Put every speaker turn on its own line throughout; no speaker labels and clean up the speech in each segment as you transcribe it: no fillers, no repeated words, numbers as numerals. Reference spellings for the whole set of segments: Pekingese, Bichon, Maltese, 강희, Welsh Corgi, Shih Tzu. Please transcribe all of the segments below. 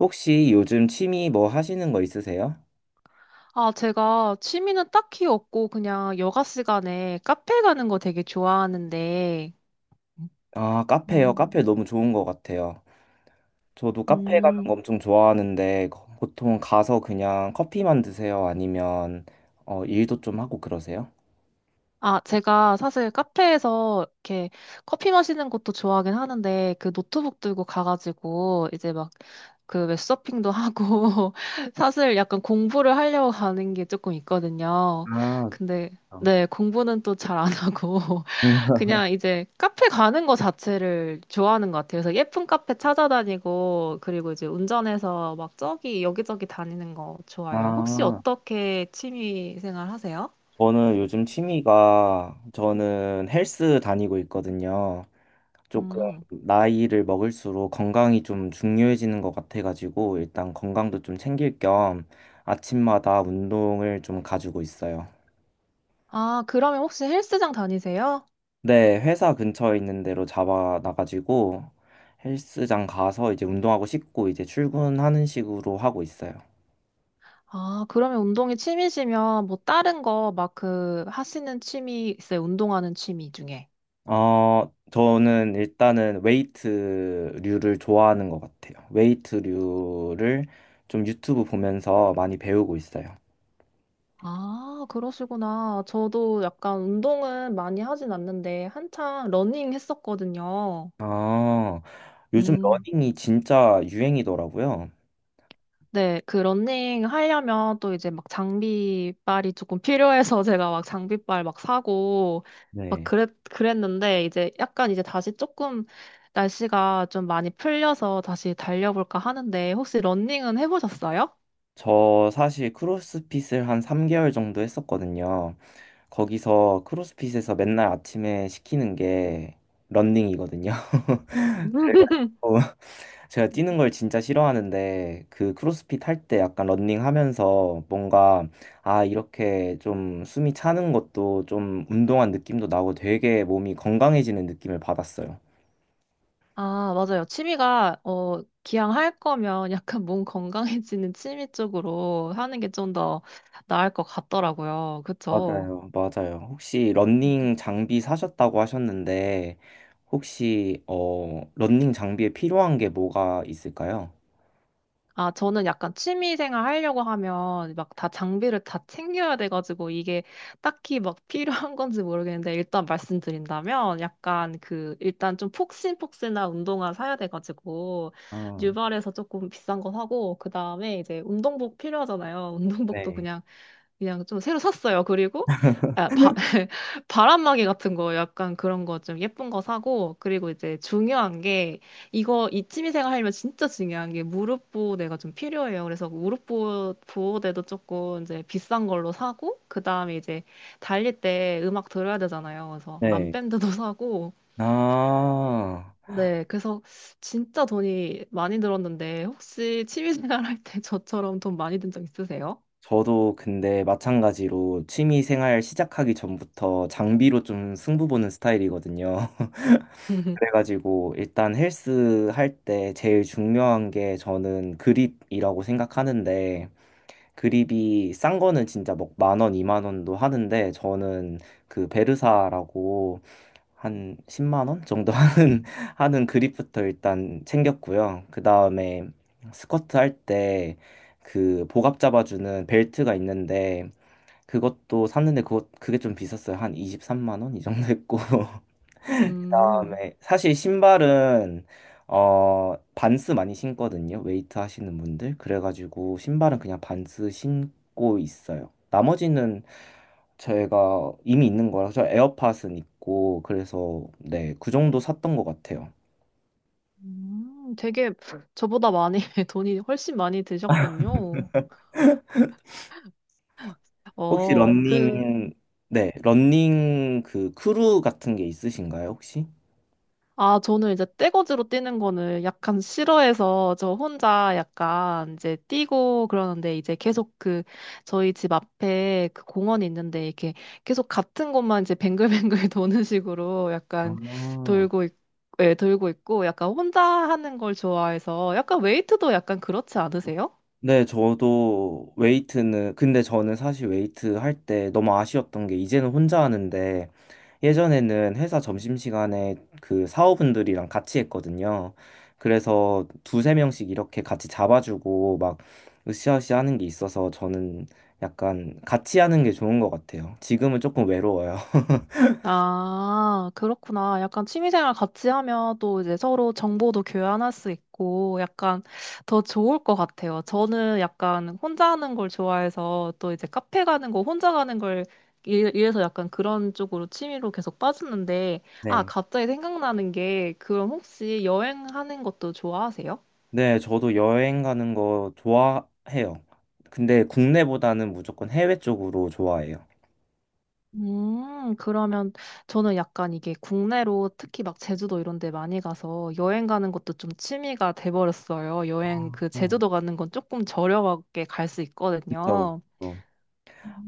혹시 요즘 취미 뭐 하시는 거 있으세요?
아, 제가 취미는 딱히 없고 그냥 여가 시간에 카페 가는 거 되게 좋아하는데,
아, 카페요.
음,
카페 너무 좋은 것 같아요. 저도 카페 가는
음,
거 엄청 좋아하는데 보통 가서 그냥 커피만 드세요? 아니면 어, 일도 좀 하고 그러세요?
아, 제가 사실 카페에서 이렇게 커피 마시는 것도 좋아하긴 하는데 그 노트북 들고 가가지고 이제 막 그 웹서핑도 하고 사실 약간 공부를 하려고 가는 게 조금 있거든요.
아,
근데
어.
네, 공부는 또 잘 안 하고 그냥 이제 카페 가는 거 자체를 좋아하는 것 같아요. 그래서 예쁜 카페 찾아다니고, 그리고 이제 운전해서 막 저기 여기저기 다니는 거 좋아해요. 혹시
아,
어떻게 취미 생활 하세요?
저는 요즘 취미가 저는 헬스 다니고 있거든요. 조금
음.
나이를 먹을수록 건강이 좀 중요해지는 것 같아가지고 일단 건강도 좀 챙길 겸 아침마다 운동을 좀 가지고 있어요.
아, 그러면 혹시 헬스장 다니세요?
네, 회사 근처에 있는 데로 잡아놔가지고 헬스장 가서 이제 운동하고 씻고 이제 출근하는 식으로 하고 있어요.
아, 그러면 운동이 취미시면 뭐 다른 거 막 그 하시는 취미 있어요? 운동하는 취미 중에.
어, 저는 일단은 웨이트류를 좋아하는 것 같아요. 웨이트류를 좀 유튜브 보면서 많이 배우고 있어요.
아, 그러시구나. 저도 약간 운동은 많이 하진 않는데 한창 러닝 했었거든요.
아, 요즘
음.
러닝이 진짜 유행이더라고요.
네, 그 러닝 하려면 또 이제 막 장비빨이 조금 필요해서 제가 막 장비빨 막 사고 막
네.
그랬는데 이제 약간 이제 다시 조금 날씨가 좀 많이 풀려서 다시 달려볼까 하는데 혹시 러닝은 해보셨어요?
저 사실 크로스핏을 한 3개월 정도 했었거든요. 거기서 크로스핏에서 맨날 아침에 시키는 게 러닝이거든요. 그래가지고 제가 뛰는 걸 진짜 싫어하는데 그 크로스핏 할 때 약간 러닝 하면서 뭔가 아, 이렇게 좀 숨이 차는 것도 좀 운동한 느낌도 나고 되게 몸이 건강해지는 느낌을 받았어요.
아, 맞아요. 취미가, 어, 기왕 할 거면 약간 몸 건강해지는 취미 쪽으로 하는 게 좀 더 나을 것 같더라고요. 그쵸?
맞아요, 맞아요. 혹시 러닝 장비 사셨다고 하셨는데, 혹시, 어, 러닝 장비에 필요한 게 뭐가 있을까요?
아, 저는 약간 취미 생활 하려고 하면 막 다 장비를 다 챙겨야 돼가지고 이게 딱히 막 필요한 건지 모르겠는데 일단 말씀드린다면 약간 그 일단 좀 폭신폭신한 운동화 사야 돼가지고
아,
뉴발에서 조금 비싼 거 사고 그 다음에 이제 운동복 필요하잖아요. 운동복도
네.
그냥 좀 새로 샀어요. 그리고 아, 바람막이 같은 거 약간 그런 거 좀 예쁜 거 사고 그리고 이제 중요한 게 이거 이 취미생활 하려면 진짜 중요한 게 무릎 보호대가 좀 필요해요. 그래서 무릎 보호대도 조금 이제 비싼 걸로 사고 그다음에 이제 달릴 때 음악 들어야 되잖아요. 그래서
네.
암밴드도 사고
아,
네, 그래서 진짜 돈이 많이 들었는데 혹시 취미생활 할 때 저처럼 돈 많이 든 적 있으세요?
저도 근데 마찬가지로 취미 생활 시작하기 전부터 장비로 좀 승부 보는 스타일이거든요. 그래가지고 일단 헬스 할 때 제일 중요한 게 저는 그립이라고 생각하는데, 그립이 싼 거는 진짜 막 만 원, 이만 원도 하는데 저는 그 베르사라고 한 10만 원 정도 하는 그립부터 일단 챙겼고요. 그다음에 스쿼트 할 때 그 복압 잡아주는 벨트가 있는데 그것도 샀는데 그거 그게 좀 비쌌어요. 한 23만 원 이 정도 했고
음.
그다음에 사실 신발은 어 반스 많이 신거든요. 웨이트 하시는 분들. 그래가지고 신발은 그냥 반스 신고 있어요. 나머지는 저희가 이미 있는 거라서 에어팟은 있고 그래서 네, 그 정도 샀던 것 같아요.
되게 저보다 많이, 돈이 훨씬 많이 드셨군요.
혹시
어, 그,
러닝 네, 러닝 그 크루 같은 게 있으신가요, 혹시?
아, 저는 이제 떼거지로 뛰는 거는 약간 싫어해서 저 혼자 약간 이제 뛰고 그러는데 이제 계속 그 저희 집 앞에 그 공원이 있는데 이렇게 계속 같은 곳만 이제 뱅글뱅글 도는 식으로 약간
아.
돌고 있, 예, 돌고 있고 약간 혼자 하는 걸 좋아해서 약간 웨이트도 약간 그렇지 않으세요?
네, 저도 웨이트는, 근데 저는 사실 웨이트 할 때 너무 아쉬웠던 게 이제는 혼자 하는데 예전에는 회사 점심시간에 그 사원분들이랑 같이 했거든요. 그래서 두세 명씩 이렇게 같이 잡아주고 막 으쌰으쌰 하는 게 있어서 저는 약간 같이 하는 게 좋은 것 같아요. 지금은 조금 외로워요.
아, 그렇구나. 약간 취미생활 같이 하면 또 이제 서로 정보도 교환할 수 있고 약간 더 좋을 것 같아요. 저는 약간 혼자 하는 걸 좋아해서 또 이제 카페 가는 거 혼자 가는 걸 이래서 약간 그런 쪽으로 취미로 계속 빠졌는데 아,
네.
갑자기 생각나는 게 그럼 혹시 여행하는 것도 좋아하세요?
네, 저도 여행 가는 거 좋아해요. 근데 국내보다는 무조건 해외 쪽으로 좋아해요.
그러면 저는 약간 이게 국내로 특히 막 제주도 이런 데 많이 가서 여행 가는 것도 좀 취미가 돼버렸어요. 여행
아,
그
네.
제주도 가는 건 조금 저렴하게 갈 수
그쵸,
있거든요.
그쵸.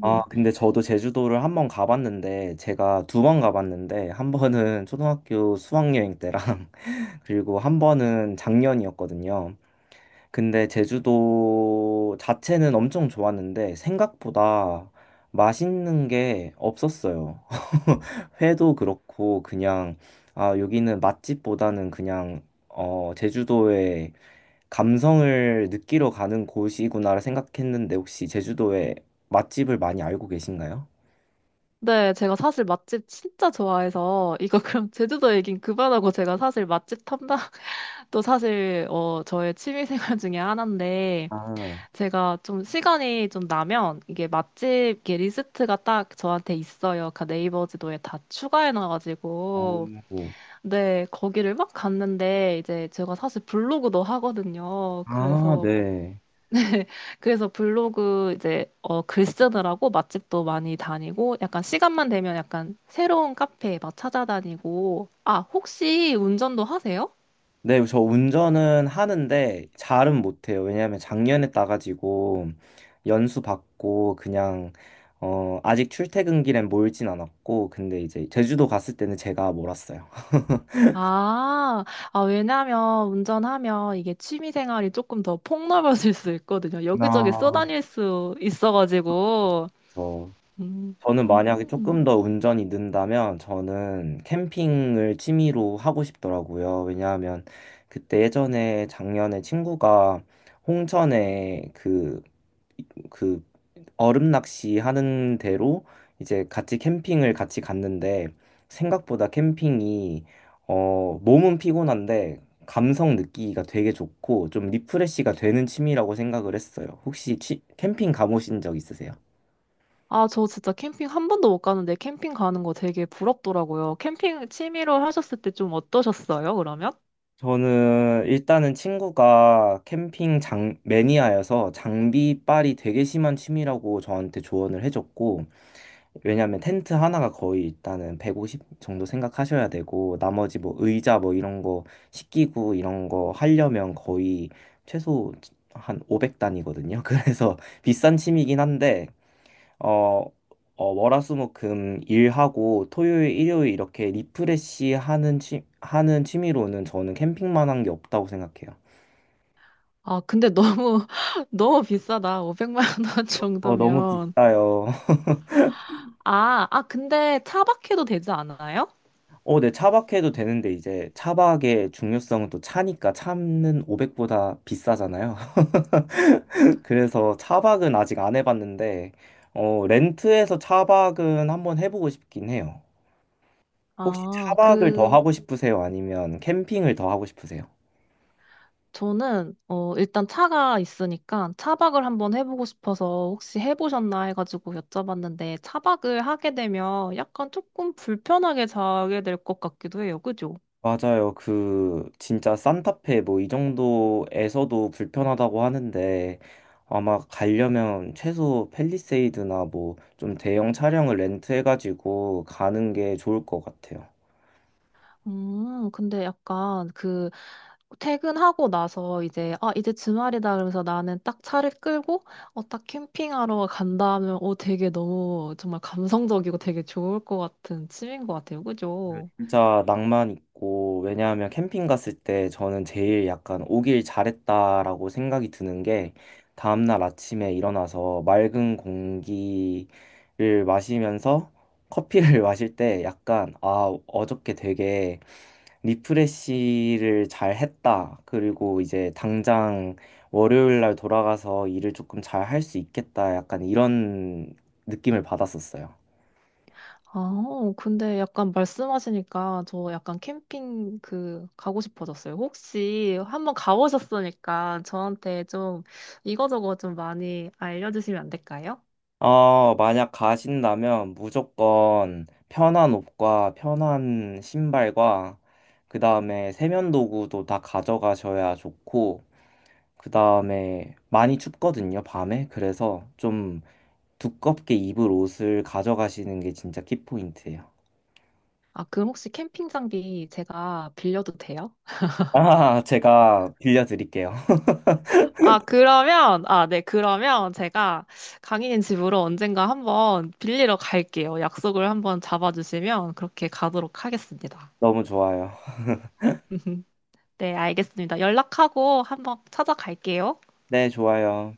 아, 근데 저도 제주도를 한 번 가봤는데, 제가 두 번 가봤는데, 한 번은 초등학교 수학여행 때랑, 그리고 한 번은 작년이었거든요. 근데 제주도 자체는 엄청 좋았는데, 생각보다 맛있는 게 없었어요. 회도 그렇고, 그냥, 아, 여기는 맛집보다는 그냥, 어, 제주도의 감성을 느끼러 가는 곳이구나 생각했는데 혹시 제주도에 맛집을 많이 알고 계신가요?
네, 제가 사실 맛집 진짜 좋아해서 이거 그럼 제주도 얘긴 그만하고 제가 사실 맛집 탐방도 사실 어, 저의 취미 생활 중에 하나인데
아,
제가 좀 시간이 좀 나면 이게 맛집 이렇게 리스트가 딱 저한테 있어요. 그 네이버 지도에 다 추가해놔가지고.
오.
네, 거기를 막 갔는데 이제 제가 사실 블로그도 하거든요.
아,
그래서,
네.
네, 그래서 블로그 이제 어, 글 쓰느라고 맛집도 많이 다니고 약간 시간만 되면 약간 새로운 카페 막 찾아다니고. 아, 혹시 운전도 하세요?
네, 저 운전은 하는데 잘은 못해요. 왜냐하면 작년에 따가지고 연수 받고 그냥 어, 아직 출퇴근 길엔 몰진 않았고 근데 이제 제주도 갔을 때는 제가 몰았어요.
아, 아, 왜냐면 운전하면 이게 취미 생활이 조금 더 폭넓어질 수 있거든요. 여기저기
아.
쏘다닐 수 있어가지고. 음.
저는 만약에
음.
조금 더 운전이 는다면 저는 캠핑을 취미로 하고 싶더라고요. 왜냐하면 그때 예전에 작년에 친구가 홍천에 그 얼음 낚시 하는 데로 이제 같이 캠핑을 같이 갔는데 생각보다 캠핑이 어, 몸은 피곤한데 감성 느끼기가 되게 좋고 좀 리프레시가 되는 취미라고 생각을 했어요. 혹시 캠핑 가보신 적 있으세요?
아, 저 진짜 캠핑 한 번도 못 가는데 캠핑 가는 거 되게 부럽더라고요. 캠핑 취미로 하셨을 때 좀 어떠셨어요, 그러면?
저는 일단은 친구가 캠핑 장 매니아여서 장비빨이 되게 심한 취미라고 저한테 조언을 해줬고 왜냐면 텐트 하나가 거의 일단은 150 정도 생각하셔야 되고 나머지 뭐 의자 뭐 이런 거 식기구 이런 거 하려면 거의 최소 한 500단이거든요. 그래서 비싼 취미긴 한데 어, 어, 월화수목금 일하고 토요일, 일요일 이렇게 리프레시 하는 취미로는 저는 캠핑만 한 게 없다고 생각해요.
아, 근데 너무, 너무 비싸다. 500만 원
어, 너무
정도면.
비싸요.
아, 아, 근데 차박해도 되지 않아요?
어, 네, 차박해도 되는데 이제 차박의 중요성은 또 차니까 차는 500보다 비싸잖아요. 그래서 차박은 아직 안 해봤는데 어, 렌트해서 차박은 한번 해보고 싶긴 해요. 혹시
아,
차박을 더
그,
하고 싶으세요? 아니면 캠핑을 더 하고 싶으세요?
저는 어 일단 차가 있으니까 차박을 한번 해보고 싶어서 혹시 해보셨나 해가지고 여쭤봤는데 차박을 하게 되면 약간 조금 불편하게 자게 될 것 같기도 해요. 그죠?
맞아요. 그 진짜 산타페 뭐 이 정도에서도 불편하다고 하는데 아마 가려면 최소 팰리세이드나 뭐 좀 대형 차량을 렌트해가지고 가는 게 좋을 것 같아요.
근데 약간 그 퇴근하고 나서 이제 아 이제 주말이다 그러면서 나는 딱 차를 끌고 어 딱 캠핑하러 간다 하면 어 되게 너무 정말 감성적이고 되게 좋을 것 같은 취미인 것 같아요. 그죠?
진짜 낭만 있고 왜냐하면 캠핑 갔을 때 저는 제일 약간 오길 잘했다라고 생각이 드는 게 다음날 아침에 일어나서 맑은 공기를 마시면서 커피를 마실 때 약간 아 어저께 되게 리프레시를 잘 했다. 그리고 이제 당장 월요일 날 돌아가서 일을 조금 잘 할 수 있겠다. 약간 이런 느낌을 받았었어요.
아, 어, 근데 약간 말씀하시니까 저 약간 캠핑 그 가고 싶어졌어요. 혹시 한번 가보셨으니까 저한테 좀 이거저거 좀 많이 알려주시면 안 될까요?
어, 만약 가신다면 무조건 편한 옷과 편한 신발과 그 다음에 세면도구도 다 가져가셔야 좋고 그 다음에 많이 춥거든요, 밤에. 그래서 좀 두껍게 입을 옷을 가져가시는 게 진짜 키포인트예요.
아, 그럼 혹시 캠핑 장비 제가 빌려도 돼요?
아, 제가 빌려드릴게요.
아, 그러면, 아, 네, 그러면 제가 강희님 집으로 언젠가 한번 빌리러 갈게요. 약속을 한번 잡아주시면 그렇게 가도록 하겠습니다.
너무 좋아요.
네, 알겠습니다. 연락하고 한번 찾아갈게요.
네, 좋아요.